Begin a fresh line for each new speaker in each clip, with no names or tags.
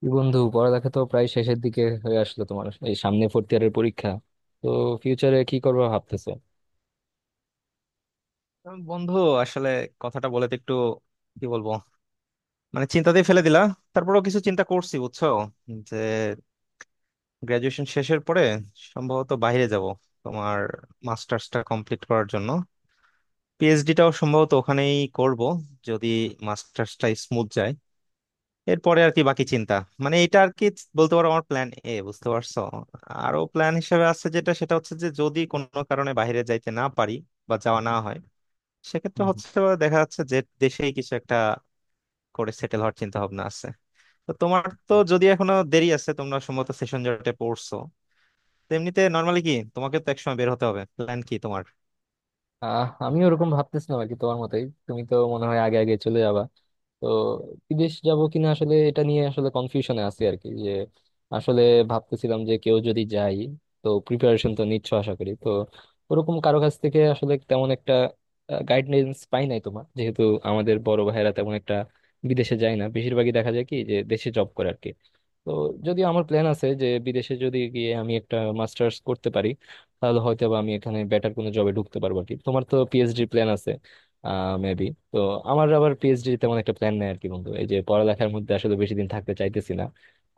কি বন্ধু, পড়ালেখা তো প্রায় শেষের দিকে হয়ে আসলো। তোমার এই সামনে ফোর্থ ইয়ারের পরীক্ষা, তো ফিউচারে কি করবা ভাবতেছো?
বন্ধু, আসলে কথাটা বলে তো একটু কি বলবো, মানে চিন্তাতেই ফেলে দিলা। তারপরেও কিছু চিন্তা করছি বুঝছো, যে গ্রাজুয়েশন শেষের পরে সম্ভবত বাইরে যাব তোমার মাস্টার্সটা কমপ্লিট করার জন্য। পিএইচডিটাও সম্ভবত ওখানেই করব যদি মাস্টার্সটা স্মুথ যায়। এরপরে আর কি বাকি চিন্তা, মানে এটা আর কি বলতে পারো আমার প্ল্যান এ, বুঝতে পারছো। আরো প্ল্যান হিসেবে আছে, যেটা সেটা হচ্ছে যে যদি কোনো কারণে বাইরে যাইতে না পারি বা যাওয়া না হয়, সেক্ষেত্রে
হুম।
হচ্ছে দেখা যাচ্ছে যে দেশেই কিছু একটা করে সেটেল হওয়ার চিন্তা ভাবনা আছে। তো তোমার তো
হুম।
যদি এখনো দেরি আছে, তোমরা সম্ভবত সেশন জটে পড়ছো। তো এমনিতে নর্মালি কি, তোমাকে তো একসময় বের হতে হবে, প্ল্যান কি তোমার?
আমি ওরকম ভাবতেছিলাম আর কি, তোমার মতোই। তুমি তো মনে হয় আগে আগে চলে যাবা। তো বিদেশ যাব কিনা, আসলে এটা নিয়ে আসলে কনফিউশনে আছি আর কি। যে আসলে ভাবতেছিলাম যে কেউ যদি যাই, তো প্রিপারেশন তো নিচ্ছ আশা করি। তো ওরকম কারো কাছ থেকে আসলে তেমন একটা গাইডলাইন্স পাই নাই তোমার। যেহেতু আমাদের বড় ভাইয়েরা তেমন একটা বিদেশে যায় না, বেশিরভাগই দেখা যায় কি, যে দেশে জব করে আর কি। তো যদি আমার প্ল্যান আছে যে বিদেশে যদি গিয়ে আমি একটা মাস্টার্স করতে পারি, তাহলে হয়তো বা আমি এখানে বেটার কোনো জবে ঢুকতে পারবো আর কি। তোমার তো পিএইচডি প্ল্যান আছে মেবি। তো আমার আবার পিএইচডি তেমন একটা প্ল্যান নেই আর কি বন্ধু। এই যে পড়ালেখার মধ্যে আসলে বেশি দিন থাকতে চাইতেছি না।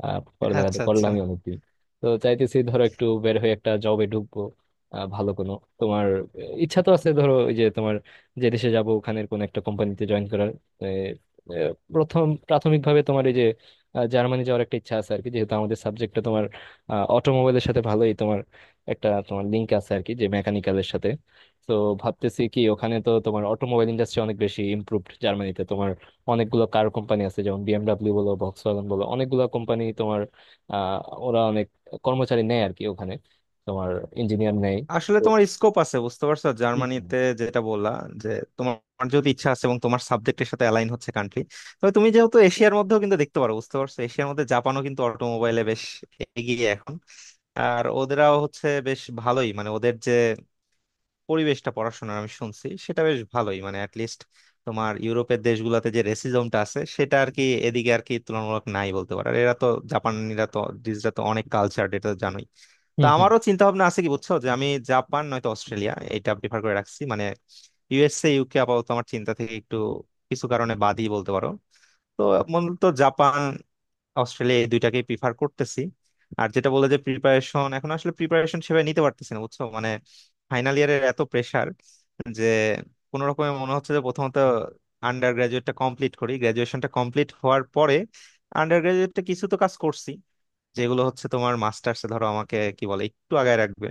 পড়ালেখা তো
আচ্ছা আচ্ছা।
করলামই অনেকদিন। তো চাইতেছি ধরো একটু বের হয়ে একটা জবে ঢুকবো। আহ, ভালো কোনো তোমার আহ, ইচ্ছা তো আছে ধরো, ওই যে তোমার যে দেশে যাবো ওখানের কোনো একটা কোম্পানিতে জয়েন করার। আহ, আহ, প্রথম প্রাথমিকভাবে তোমার এই যে জার্মানি যাওয়ার একটা ইচ্ছা আছে আর কি। যেহেতু আমাদের সাবজেক্টটা তোমার অটোমোবাইলের সাথে ভালোই তোমার একটা তোমার লিঙ্ক আছে আর কি, যে মেকানিক্যালের সাথে। তো ভাবতেছি কি, ওখানে তো তোমার অটোমোবাইল ইন্ডাস্ট্রি অনেক বেশি ইমপ্রুভড। জার্মানিতে তোমার অনেকগুলো কার কোম্পানি আছে, যেমন বিএমডাব্লিউ বলো, ভক্সওয়াগন বলো, অনেকগুলো কোম্পানি তোমার। আহ ওরা অনেক কর্মচারী নেয় আর কি ওখানে, তোমার ইঞ্জিনিয়ার নেয়।
আসলে
তো
তোমার স্কোপ আছে বুঝতে পারছো,
হুম।
জার্মানিতে যেটা বললা, যে তোমার যদি ইচ্ছা আছে এবং তোমার সাবজেক্টের সাথে অ্যালাইন হচ্ছে কান্ট্রি, তবে তুমি যেহেতু এশিয়ার মধ্যেও কিন্তু দেখতে পারো, বুঝতে পারছো, এশিয়ার মধ্যে জাপানও কিন্তু অটোমোবাইলে বেশ এগিয়ে এখন। আর ওদেরাও হচ্ছে বেশ ভালোই, মানে ওদের যে পরিবেশটা পড়াশোনার আমি শুনছি সেটা বেশ ভালোই, মানে অ্যাটলিস্ট তোমার ইউরোপের দেশগুলোতে যে রেসিজমটা আছে সেটা আর কি এদিকে আর কি তুলনামূলক নাই বলতে পারো। আর এরা তো, জাপানিরা তো ডিজরা তো অনেক কালচার, এটা তো জানোই। তো
হুম। হুম।
আমারও চিন্তা ভাবনা আছে কি বুঝছো, যে আমি জাপান নয়তো অস্ট্রেলিয়া এটা প্রিফার করে রাখছি। মানে ইউএসএ ইউকে আপাতত আমার চিন্তা থেকে একটু কিছু কারণে বাদই বলতে পারো। তো মূলত জাপান অস্ট্রেলিয়া এই দুইটাকে প্রিফার করতেছি। আর যেটা বলে যে প্রিপারেশন, এখন আসলে প্রিপারেশন সেভাবে নিতে পারতেছি না বুঝছো, মানে ফাইনাল ইয়ারের এত প্রেসার যে কোনো রকমে মনে হচ্ছে যে প্রথমত আন্ডার গ্রাজুয়েটটা কমপ্লিট করি। গ্রাজুয়েশনটা কমপ্লিট হওয়ার পরে, আন্ডার গ্রাজুয়েটটা কিছু তো কাজ করছি যেগুলো হচ্ছে তোমার মাস্টার্সে ধরো আমাকে কি বলে একটু আগায় রাখবে।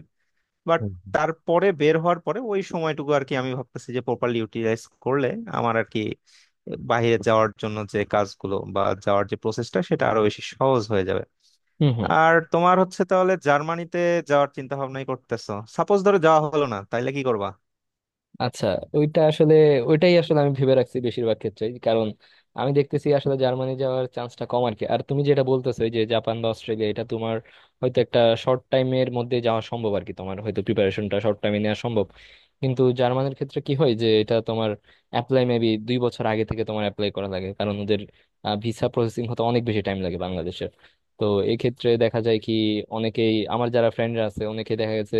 বাট
হুম। হুম।
তারপরে বের হওয়ার পরে ওই সময়টুকু আর কি আমি ভাবতেছি যে প্রপারলি ইউটিলাইজ করলে আমার আর কি বাইরে যাওয়ার জন্য যে কাজগুলো বা যাওয়ার যে প্রসেসটা সেটা আরো বেশি সহজ হয়ে যাবে।
হুম। হুম।
আর তোমার হচ্ছে তাহলে জার্মানিতে যাওয়ার চিন্তা ভাবনাই করতেছো। সাপোজ ধরো যাওয়া হলো না, তাইলে কি করবা?
আচ্ছা, ওইটা আসলে, ওইটাই আসলে আমি ভেবে রাখছি বেশিরভাগ ক্ষেত্রেই। কারণ আমি দেখতেছি আসলে জার্মানি যাওয়ার চান্সটা কম আর কি। আর তুমি যেটা বলতেছো, এই যে জাপান বা অস্ট্রেলিয়া, এটা তোমার হয়তো একটা শর্ট টাইমের মধ্যে যাওয়া সম্ভব আর কি। তোমার হয়তো প্রিপারেশনটা শর্ট টাইমে নেওয়া সম্ভব। কিন্তু জার্মানির ক্ষেত্রে কি হয়, যে এটা তোমার অ্যাপ্লাই মেবি 2 বছর আগে থেকে তোমার অ্যাপ্লাই করা লাগে, কারণ ওদের ভিসা প্রসেসিং হতে অনেক বেশি টাইম লাগে বাংলাদেশের। তো এই ক্ষেত্রে দেখা যায় কি, অনেকেই আমার যারা ফ্রেন্ডরা আছে, অনেকে দেখা গেছে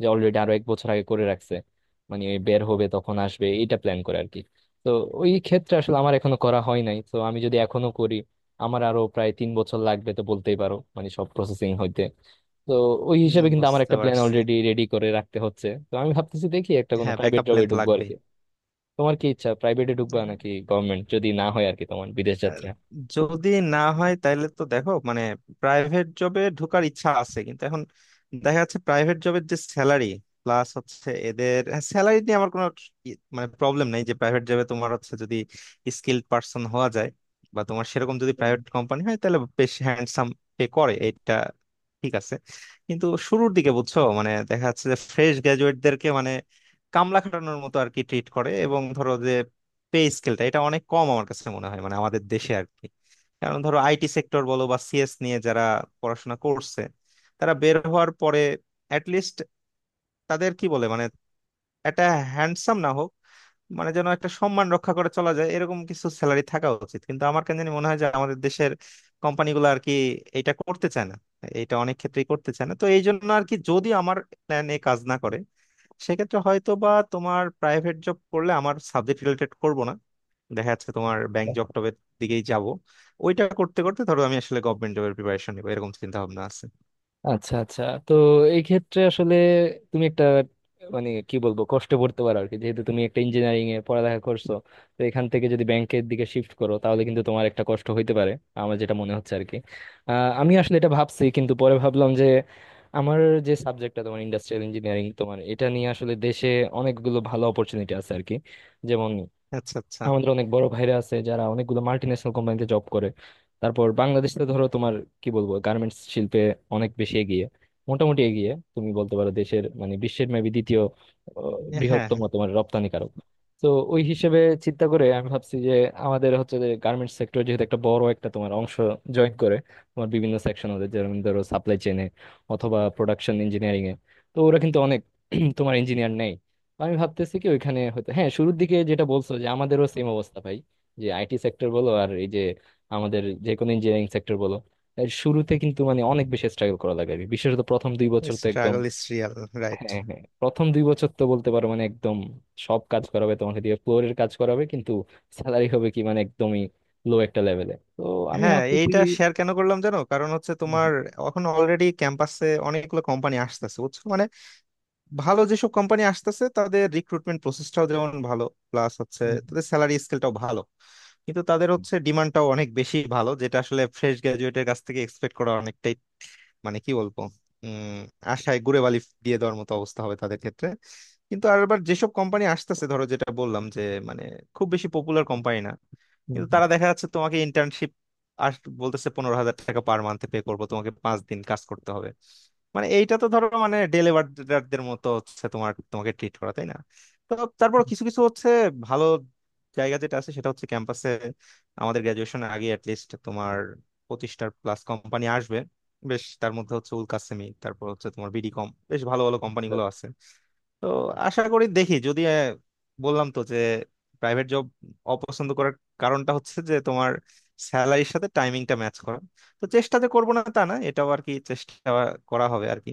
যে অলরেডি আরো এক বছর আগে করে রাখছে। মানে বের হবে তখন আসবে, এটা প্ল্যান করে আর কি। তো ওই ক্ষেত্রে আসলে আমার এখনো করা হয় নাই। তো আমি যদি এখনো করি, আমার আরো প্রায় 3 বছর লাগবে তো বলতেই পারো, মানে সব প্রসেসিং হইতে। তো ওই
হম,
হিসেবে কিন্তু আমার
বুঝতে
একটা প্ল্যান
পারছি।
অলরেডি রেডি করে রাখতে হচ্ছে। তো আমি ভাবতেছি দেখি একটা কোনো
হ্যাঁ,
প্রাইভেট
ব্যাকআপ
জবে
প্ল্যান তো
ঢুকবো আর
লাগবেই।
কি। তোমার কি ইচ্ছা, প্রাইভেটে ঢুকবা নাকি গভর্নমেন্ট, যদি না হয় আর কি তোমার বিদেশ
আহ,
যাত্রা?
যদি না হয় তাহলে তো দেখো মানে প্রাইভেট জবে ঢোকার ইচ্ছা আছে, কিন্তু এখন দেখা যাচ্ছে প্রাইভেট জবের যে স্যালারি, প্লাস হচ্ছে এদের স্যালারি নিয়ে আমার কোনো মানে প্রবলেম নাই, যে প্রাইভেট জবে তোমার হচ্ছে যদি স্কিল্ড পার্সন হওয়া যায় বা তোমার সেরকম যদি প্রাইভেট কোম্পানি হয় তাহলে বেশ হ্যান্ডসাম পে করে, এটা ঠিক আছে। কিন্তু শুরুর দিকে বুঝছো মানে দেখা যাচ্ছে যে ফ্রেশ গ্রাজুয়েটদেরকে মানে কামলা খাটানোর মতো আর কি ট্রিট করে, এবং ধরো যে পে স্কেলটা এটা অনেক কম আমার কাছে মনে হয়, মানে আমাদের দেশে আর কি। কারণ ধরো আইটি সেক্টর বলো বা সিএস নিয়ে যারা পড়াশোনা করছে, তারা বের হওয়ার পরে অ্যাটলিস্ট তাদের কি বলে মানে একটা হ্যান্ডসাম না হোক, মানে যেন একটা সম্মান রক্ষা করে চলা যায় এরকম কিছু স্যালারি থাকা উচিত। কিন্তু আমার কেন জানি মনে হয় যে আমাদের দেশের কোম্পানিগুলো আর কি এটা করতে চায় না, এটা অনেক ক্ষেত্রেই করতে চায় না। তো এই জন্য আর কি যদি আমার প্ল্যান এ কাজ না করে, সেক্ষেত্রে হয়তো বা তোমার প্রাইভেট জব করলে আমার সাবজেক্ট রিলেটেড করব না, দেখা যাচ্ছে তোমার ব্যাংক জব টবের দিকেই যাব। ওইটা করতে করতে ধরো আমি আসলে গভর্নমেন্ট জবের প্রিপারেশন নিবো, এরকম চিন্তা ভাবনা আছে।
আচ্ছা আচ্ছা। তো এই ক্ষেত্রে আসলে তুমি একটা মানে কি বলবো, কষ্ট করতে পারো আর কি। যেহেতু তুমি একটা ইঞ্জিনিয়ারিং এ পড়ালেখা করছো, তো এখান থেকে যদি ব্যাংকের দিকে শিফট করো, তাহলে কিন্তু তোমার একটা কষ্ট হইতে পারে আমার যেটা মনে হচ্ছে আর কি। আহ, আমি আসলে এটা ভাবছি, কিন্তু পরে ভাবলাম যে আমার যে সাবজেক্টটা তোমার ইন্ডাস্ট্রিয়াল ইঞ্জিনিয়ারিং, তোমার এটা নিয়ে আসলে দেশে অনেকগুলো ভালো অপরচুনিটি আছে আর কি। যেমন
আচ্ছা আচ্ছা।
আমাদের অনেক বড় ভাইরা আছে যারা অনেকগুলো মাল্টি ন্যাশনাল কোম্পানিতে জব করে। তারপর বাংলাদেশ তো ধরো তোমার কি বলবো, গার্মেন্টস শিল্পে অনেক বেশি এগিয়ে, মোটামুটি এগিয়ে। তুমি বলতে পারো দেশের মানে বিশ্বের মেবি দ্বিতীয়
হ্যাঁ, হ্যাঁ,
বৃহত্তম তোমার রপ্তানিকারক। তো ওই হিসেবে চিন্তা করে আমি ভাবছি যে আমাদের হচ্ছে যে গার্মেন্টস সেক্টর, যেহেতু একটা বড় একটা তোমার অংশ, জয়েন করে তোমার বিভিন্ন সেকশন ওদের, যেমন ধরো সাপ্লাই চেনে অথবা প্রোডাকশন ইঞ্জিনিয়ারিং এ। তো ওরা কিন্তু অনেক তোমার ইঞ্জিনিয়ার নেই। আমি ভাবতেছি কি ওইখানে হয়তো, হ্যাঁ, শুরুর দিকে যেটা বলছো যে আমাদেরও সেম অবস্থা ভাই। যে আইটি সেক্টর বলো, আর এই যে আমাদের যে কোনো ইঞ্জিনিয়ারিং সেক্টর বলো, এর শুরুতে কিন্তু মানে অনেক বেশি স্ট্রাগল করা লাগে, বিশেষত প্রথম 2 বছর তো একদম।
Struggle is real, right.
হ্যাঁ, হ্যাঁ, প্রথম 2 বছর তো বলতে পারো মানে একদম সব কাজ করাবে তোমাকে দিয়ে, ফ্লোরের কাজ করাবে, কিন্তু স্যালারি হবে কি মানে একদমই লো একটা লেভেলে। তো আমি
হ্যাঁ,
ভাবতেছি।
এইটা শেয়ার কেন করলাম জানো, কারণ হচ্ছে
হুম,
তোমার এখন অলরেডি ক্যাম্পাসে অনেকগুলো কোম্পানি আসতেছে বুঝছো। মানে ভালো যেসব কোম্পানি আসতেছে, তাদের রিক্রুটমেন্ট প্রসেসটাও যেমন ভালো, প্লাস হচ্ছে
হুম,
তাদের স্যালারি স্কেলটাও ভালো, কিন্তু তাদের
হুম,
হচ্ছে ডিমান্ডটাও অনেক বেশি, ভালো যেটা আসলে ফ্রেশ গ্রাজুয়েটের কাছ থেকে এক্সপেক্ট করা অনেকটাই মানে কি বলবো, উম আশায় গুড়ে বালি দিয়ে দেওয়ার মতো অবস্থা হবে তাদের ক্ষেত্রে। কিন্তু আর আবার যেসব কোম্পানি আসতেছে ধরো, যেটা বললাম যে মানে খুব বেশি পপুলার কোম্পানি না,
হুম,
কিন্তু
হুম।
তারা দেখা যাচ্ছে তোমাকে ইন্টার্নশিপ আস বলতেছে 15,000 টাকা পার মান্থে পে করবো, তোমাকে 5 দিন কাজ করতে হবে। মানে এইটা তো ধরো মানে ডেলিভারদের মতো হচ্ছে তোমার, তোমাকে ট্রিট করা, তাই না? তো তারপর কিছু কিছু হচ্ছে ভালো জায়গা যেটা আছে সেটা হচ্ছে ক্যাম্পাসে আমাদের গ্রাজুয়েশনের আগে অ্যাটলিস্ট তোমার 25টার প্লাস কোম্পানি আসবে। বেশ, তার মধ্যে হচ্ছে উল কাসেমি, তারপর হচ্ছে তোমার বিডি কম, বেশ ভালো ভালো কোম্পানিগুলো আছে। তো আশা করি দেখি যদি। বললাম তো যে প্রাইভেট জব অপছন্দ করার কারণটা হচ্ছে যে তোমার স্যালারির সাথে টাইমিংটা ম্যাচ করা। তো চেষ্টা যে করবো না তা না, এটাও আর কি চেষ্টা করা হবে আর কি।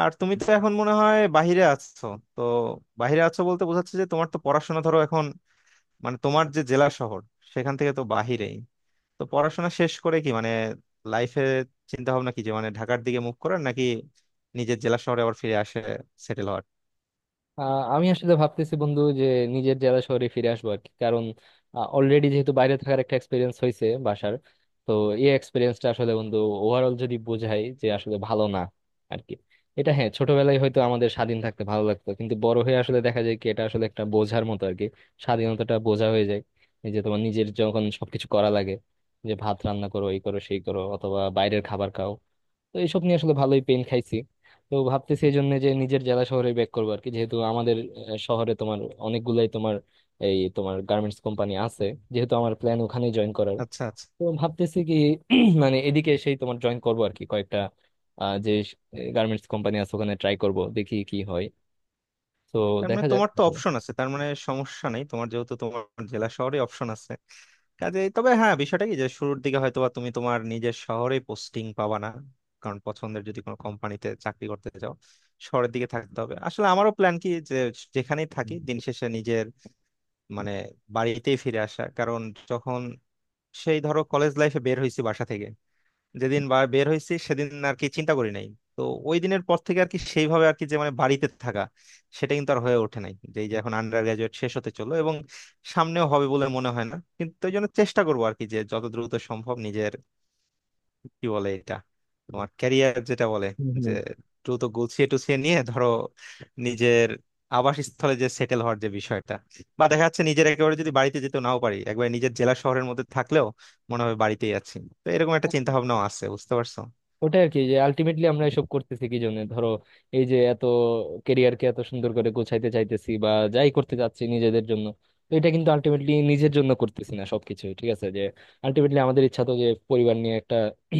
আর তুমি তো এখন মনে হয় বাইরে আছো। তো বাইরে আছো বলতে বোঝাচ্ছে যে তোমার তো পড়াশোনা ধরো এখন মানে তোমার যে জেলা শহর, সেখান থেকে তো বাহিরেই। তো পড়াশোনা শেষ করে কি মানে লাইফে চিন্তা ভাবনা কি, যে মানে ঢাকার দিকে মুভ করার নাকি নিজের জেলা শহরে আবার ফিরে আসে সেটেল হওয়ার?
আমি আসলে ভাবতেছি বন্ধু যে নিজের জেলা শহরে ফিরে আসবো আর কি। কারণ অলরেডি যেহেতু বাইরে থাকার একটা এক্সপিরিয়েন্স হয়েছে বাসার, তো এই এক্সপিরিয়েন্সটা আসলে বন্ধু ওভারঅল যদি বোঝাই, যে আসলে ভালো না আর কি। এটা হ্যাঁ, ছোটবেলায় হয়তো আমাদের স্বাধীন থাকতে ভালো লাগতো, কিন্তু বড় হয়ে আসলে দেখা যায় কি, এটা আসলে একটা বোঝার মতো আর কি। স্বাধীনতাটা বোঝা হয়ে যায়। এই যে তোমার নিজের যখন সবকিছু করা লাগে, যে ভাত রান্না করো, এই করো, সেই করো, অথবা বাইরের খাবার খাও, তো এইসব নিয়ে আসলে ভালোই পেন খাইছি। তো ভাবতেছি এই জন্য যে নিজের জেলা শহরে ব্যাক করবো আর কি। যেহেতু আমাদের শহরে তোমার অনেকগুলাই তোমার এই তোমার গার্মেন্টস কোম্পানি আছে, যেহেতু আমার প্ল্যান ওখানে জয়েন করার।
আচ্ছা আচ্ছা,
তো ভাবতেছি কি মানে এদিকে সেই তোমার জয়েন করবো আর কি কয়েকটা যে গার্মেন্টস কোম্পানি আছে, ওখানে ট্রাই করব, দেখি কি হয়। তো
তার মানে
দেখা যাক
তোমার তো
আসলে।
অপশন আছে, তার মানে সমস্যা নেই তোমার, যেহেতু তোমার জেলা শহরে অপশন আছে কাজে। তবে হ্যাঁ, বিষয়টা কি যে শুরুর দিকে হয়তো বা তুমি তোমার নিজের শহরে পোস্টিং পাবা না, কারণ পছন্দের যদি কোনো কোম্পানিতে চাকরি করতে চাও, শহরের দিকে থাকতে হবে। আসলে আমারও প্ল্যান কি যে যেখানেই থাকি দিন শেষে নিজের মানে বাড়িতেই ফিরে আসা, কারণ যখন সেই ধরো কলেজ লাইফে বের হয়েছি বাসা থেকে, যেদিন বা বের হয়েছি সেদিন আর কি চিন্তা করি নাই। তো ওই দিনের পর থেকে আর কি সেইভাবে আর কি যে মানে বাড়িতে থাকা সেটা কিন্তু আর হয়ে ওঠে নাই, যে এই যে এখন আন্ডার গ্রাজুয়েট শেষ হতে চলো এবং সামনেও হবে বলে মনে হয় না। কিন্তু ওই জন্য চেষ্টা করবো আর কি যে যত দ্রুত সম্ভব নিজের কি বলে এটা, তোমার ক্যারিয়ার যেটা বলে,
হুম,
যে
হুম।
দ্রুত গুছিয়ে টুছিয়ে নিয়ে ধরো নিজের আবাসস্থলে যে সেটেল হওয়ার যে বিষয়টা, বা দেখা যাচ্ছে নিজের একেবারে যদি বাড়িতে যেতে নাও পারি, একবারে নিজের জেলা শহরের মধ্যে থাকলেও মনে হবে বাড়িতেই আছি। তো এরকম একটা চিন্তা ভাবনাও আছে, বুঝতে পারছো।
ওটাই আর কি যে আলটিমেটলি আমরা এসব করতেছি কি জন্য ধরো। এই যে এত কেরিয়ারকে এত সুন্দর করে গোছাইতে চাইতেছি বা যাই করতে চাচ্ছি নিজেদের জন্য, তো এটা কিন্তু আলটিমেটলি নিজের জন্য করতেছি না সবকিছু ঠিক আছে যে। আলটিমেটলি আমাদের ইচ্ছা তো যে পরিবার নিয়ে একটা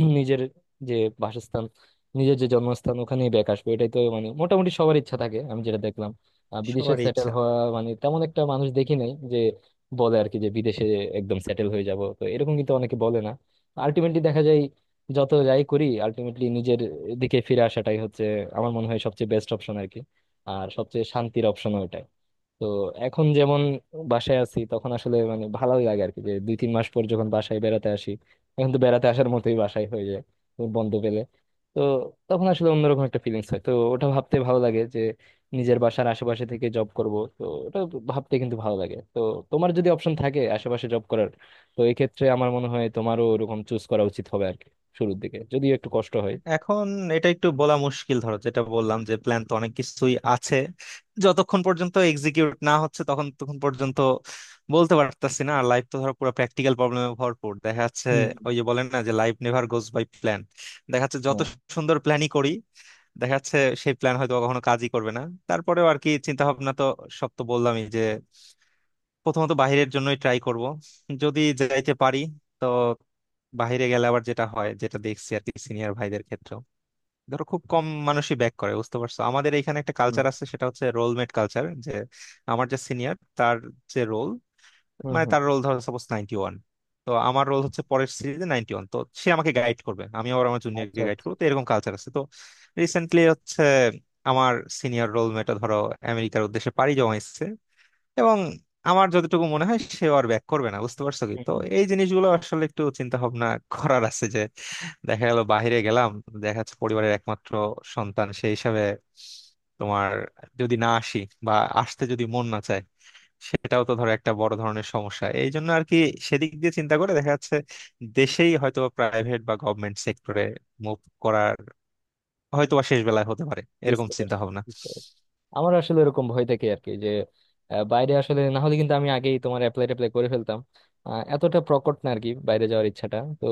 নিজের যে বাসস্থান, নিজের যে জন্মস্থান, ওখানেই ব্যাক আসবো। এটাই তো মানে মোটামুটি সবার ইচ্ছা থাকে আমি যেটা দেখলাম। বিদেশে
সবারই
সেটেল
ইচ্ছা।
হওয়া মানে তেমন একটা মানুষ দেখি নাই যে বলে আর কি, যে বিদেশে একদম সেটেল হয়ে যাব, তো এরকম কিন্তু অনেকে বলে না। আলটিমেটলি দেখা যায় যত যাই করি, আলটিমেটলি নিজের দিকে ফিরে আসাটাই হচ্ছে আমার মনে হয় সবচেয়ে বেস্ট অপশন আর কি। আর সবচেয়ে শান্তির অপশন ওইটাই। তো এখন যেমন বাসায় আছি তখন আসলে মানে ভালোই লাগে আর কি, যে দুই তিন মাস পর যখন বাসায় বেড়াতে আসি, এখন তো বেড়াতে আসার মতোই বাসায় হয়ে যায়, তো বন্ধ পেলে। তো তখন আসলে অন্যরকম একটা ফিলিংস হয়। তো ওটা ভাবতে ভালো লাগে যে নিজের বাসার আশেপাশে থেকে জব করব, তো ওটা ভাবতে কিন্তু ভালো লাগে। তো তোমার যদি অপশন থাকে আশেপাশে জব করার, তো এই ক্ষেত্রে আমার মনে হয় তোমারও ওরকম চুজ করা উচিত হবে আর কি, শুরুর দিকে যদিও একটু কষ্ট হয়।
এখন এটা একটু বলা মুশকিল ধরো, যেটা বললাম যে প্ল্যান তো অনেক কিছুই আছে, যতক্ষণ পর্যন্ত এক্সিকিউট না হচ্ছে তখন তখন পর্যন্ত বলতে পারতাছি না। আর লাইফ তো ধরো পুরো প্র্যাকটিক্যাল প্রবলেমে ভরপুর দেখা যাচ্ছে।
হুম।
ওই যে বলেন না যে life never goes by plan. দেখা যাচ্ছে যত
হুম। হ্যাঁ।
সুন্দর প্ল্যানই করি দেখা যাচ্ছে সেই প্ল্যান হয়তো কখনো কাজই করবে না। তারপরেও আর কি চিন্তা ভাবনা তো সব তো বললামই, যে প্রথমত বাইরের জন্যই ট্রাই করব যদি যাইতে পারি। তো বাইরে গেলে আবার যেটা হয় যেটা দেখছি আর কি সিনিয়র ভাইদের ক্ষেত্রে, ধরো খুব কম মানুষই ব্যাক করে, বুঝতে পারছো। আমাদের এখানে একটা
হুম।
কালচার আছে সেটা হচ্ছে রোলমেট কালচার, যে আমার যে সিনিয়র তার যে রোল,
হুম।
মানে
হুম।
তার রোল ধরো সাপোজ 91, তো আমার রোল হচ্ছে পরের সিরিজে 91, তো সে আমাকে গাইড করবে আমি আবার আমার
আচ্ছা
জুনিয়রকে গাইড
আচ্ছা।
করবো, তো এরকম কালচার আছে। তো রিসেন্টলি হচ্ছে আমার সিনিয়র রোলমেটও ধরো আমেরিকার উদ্দেশ্যে পাড়ি জমাইছে, এবং আমার যতটুকু মনে হয় সে আর ব্যাক করবে না, বুঝতে পারছো কি?
হুম।
তো
হুম।
এই জিনিসগুলো আসলে একটু চিন্তা ভাবনা করার আছে, যে দেখা গেল বাইরে গেলাম, দেখা যাচ্ছে পরিবারের একমাত্র সন্তান সেই হিসাবে তোমার, যদি না আসি বা আসতে যদি মন না চায়, সেটাও তো ধরো একটা বড় ধরনের সমস্যা। এই জন্য আর কি সেদিক দিয়ে চিন্তা করে দেখা যাচ্ছে দেশেই হয়তো প্রাইভেট বা গভর্নমেন্ট সেক্টরে মুভ করার হয়তো বা শেষ বেলায় হতে পারে, এরকম
বুঝতে
চিন্তা
পারছি।
ভাবনা।
বুঝতে পারছি। আমার আসলে এরকম ভয় থেকে আর কি, যে বাইরে আসলে না হলে কিন্তু আমি আগেই তোমার অ্যাপ্লাই ট্যাপ্লাই করে ফেলতাম। এতটা প্রকট না আর কি বাইরে যাওয়ার ইচ্ছাটা। তো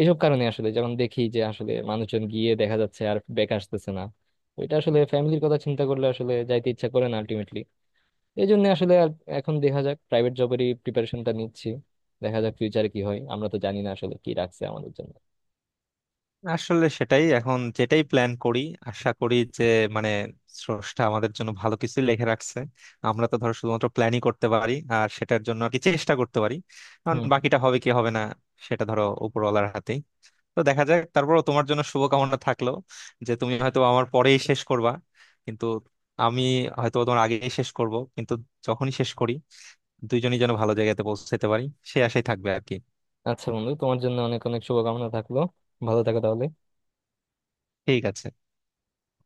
এইসব কারণে আসলে, যেমন দেখি যে আসলে মানুষজন গিয়ে দেখা যাচ্ছে আর ব্যাক আসতেছে না, তো এটা আসলে ফ্যামিলির কথা চিন্তা করলে আসলে যাইতে ইচ্ছা করে না আলটিমেটলি। এই জন্য আসলে আর এখন দেখা যাক, প্রাইভেট জবেরই প্রিপারেশনটা নিচ্ছি। দেখা যাক ফিউচারে কি হয়, আমরা তো জানি না আসলে কি রাখছে আমাদের জন্য।
আসলে সেটাই, এখন যেটাই প্ল্যান করি আশা করি যে মানে স্রষ্টা আমাদের জন্য ভালো কিছু লিখে রাখছে। আমরা তো ধরো শুধুমাত্র প্ল্যানই করতে পারি আর সেটার জন্য আর কি চেষ্টা করতে পারি, কারণ
হুম।
বাকিটা হবে কি হবে না সেটা ধরো উপরওয়ালার হাতেই। তো দেখা যাক, তারপরও তোমার জন্য শুভকামনা থাকলো, যে তুমি হয়তো আমার পরেই শেষ করবা কিন্তু আমি হয়তো তোমার আগেই শেষ করব, কিন্তু যখনই শেষ করি দুইজনই যেন ভালো জায়গাতে পৌঁছাতে পারি সে আশাই থাকবে আর কি।
আচ্ছা বন্ধু, তোমার জন্য অনেক অনেক শুভকামনা থাকলো। ভালো থাকো তাহলে।
ঠিক আছে।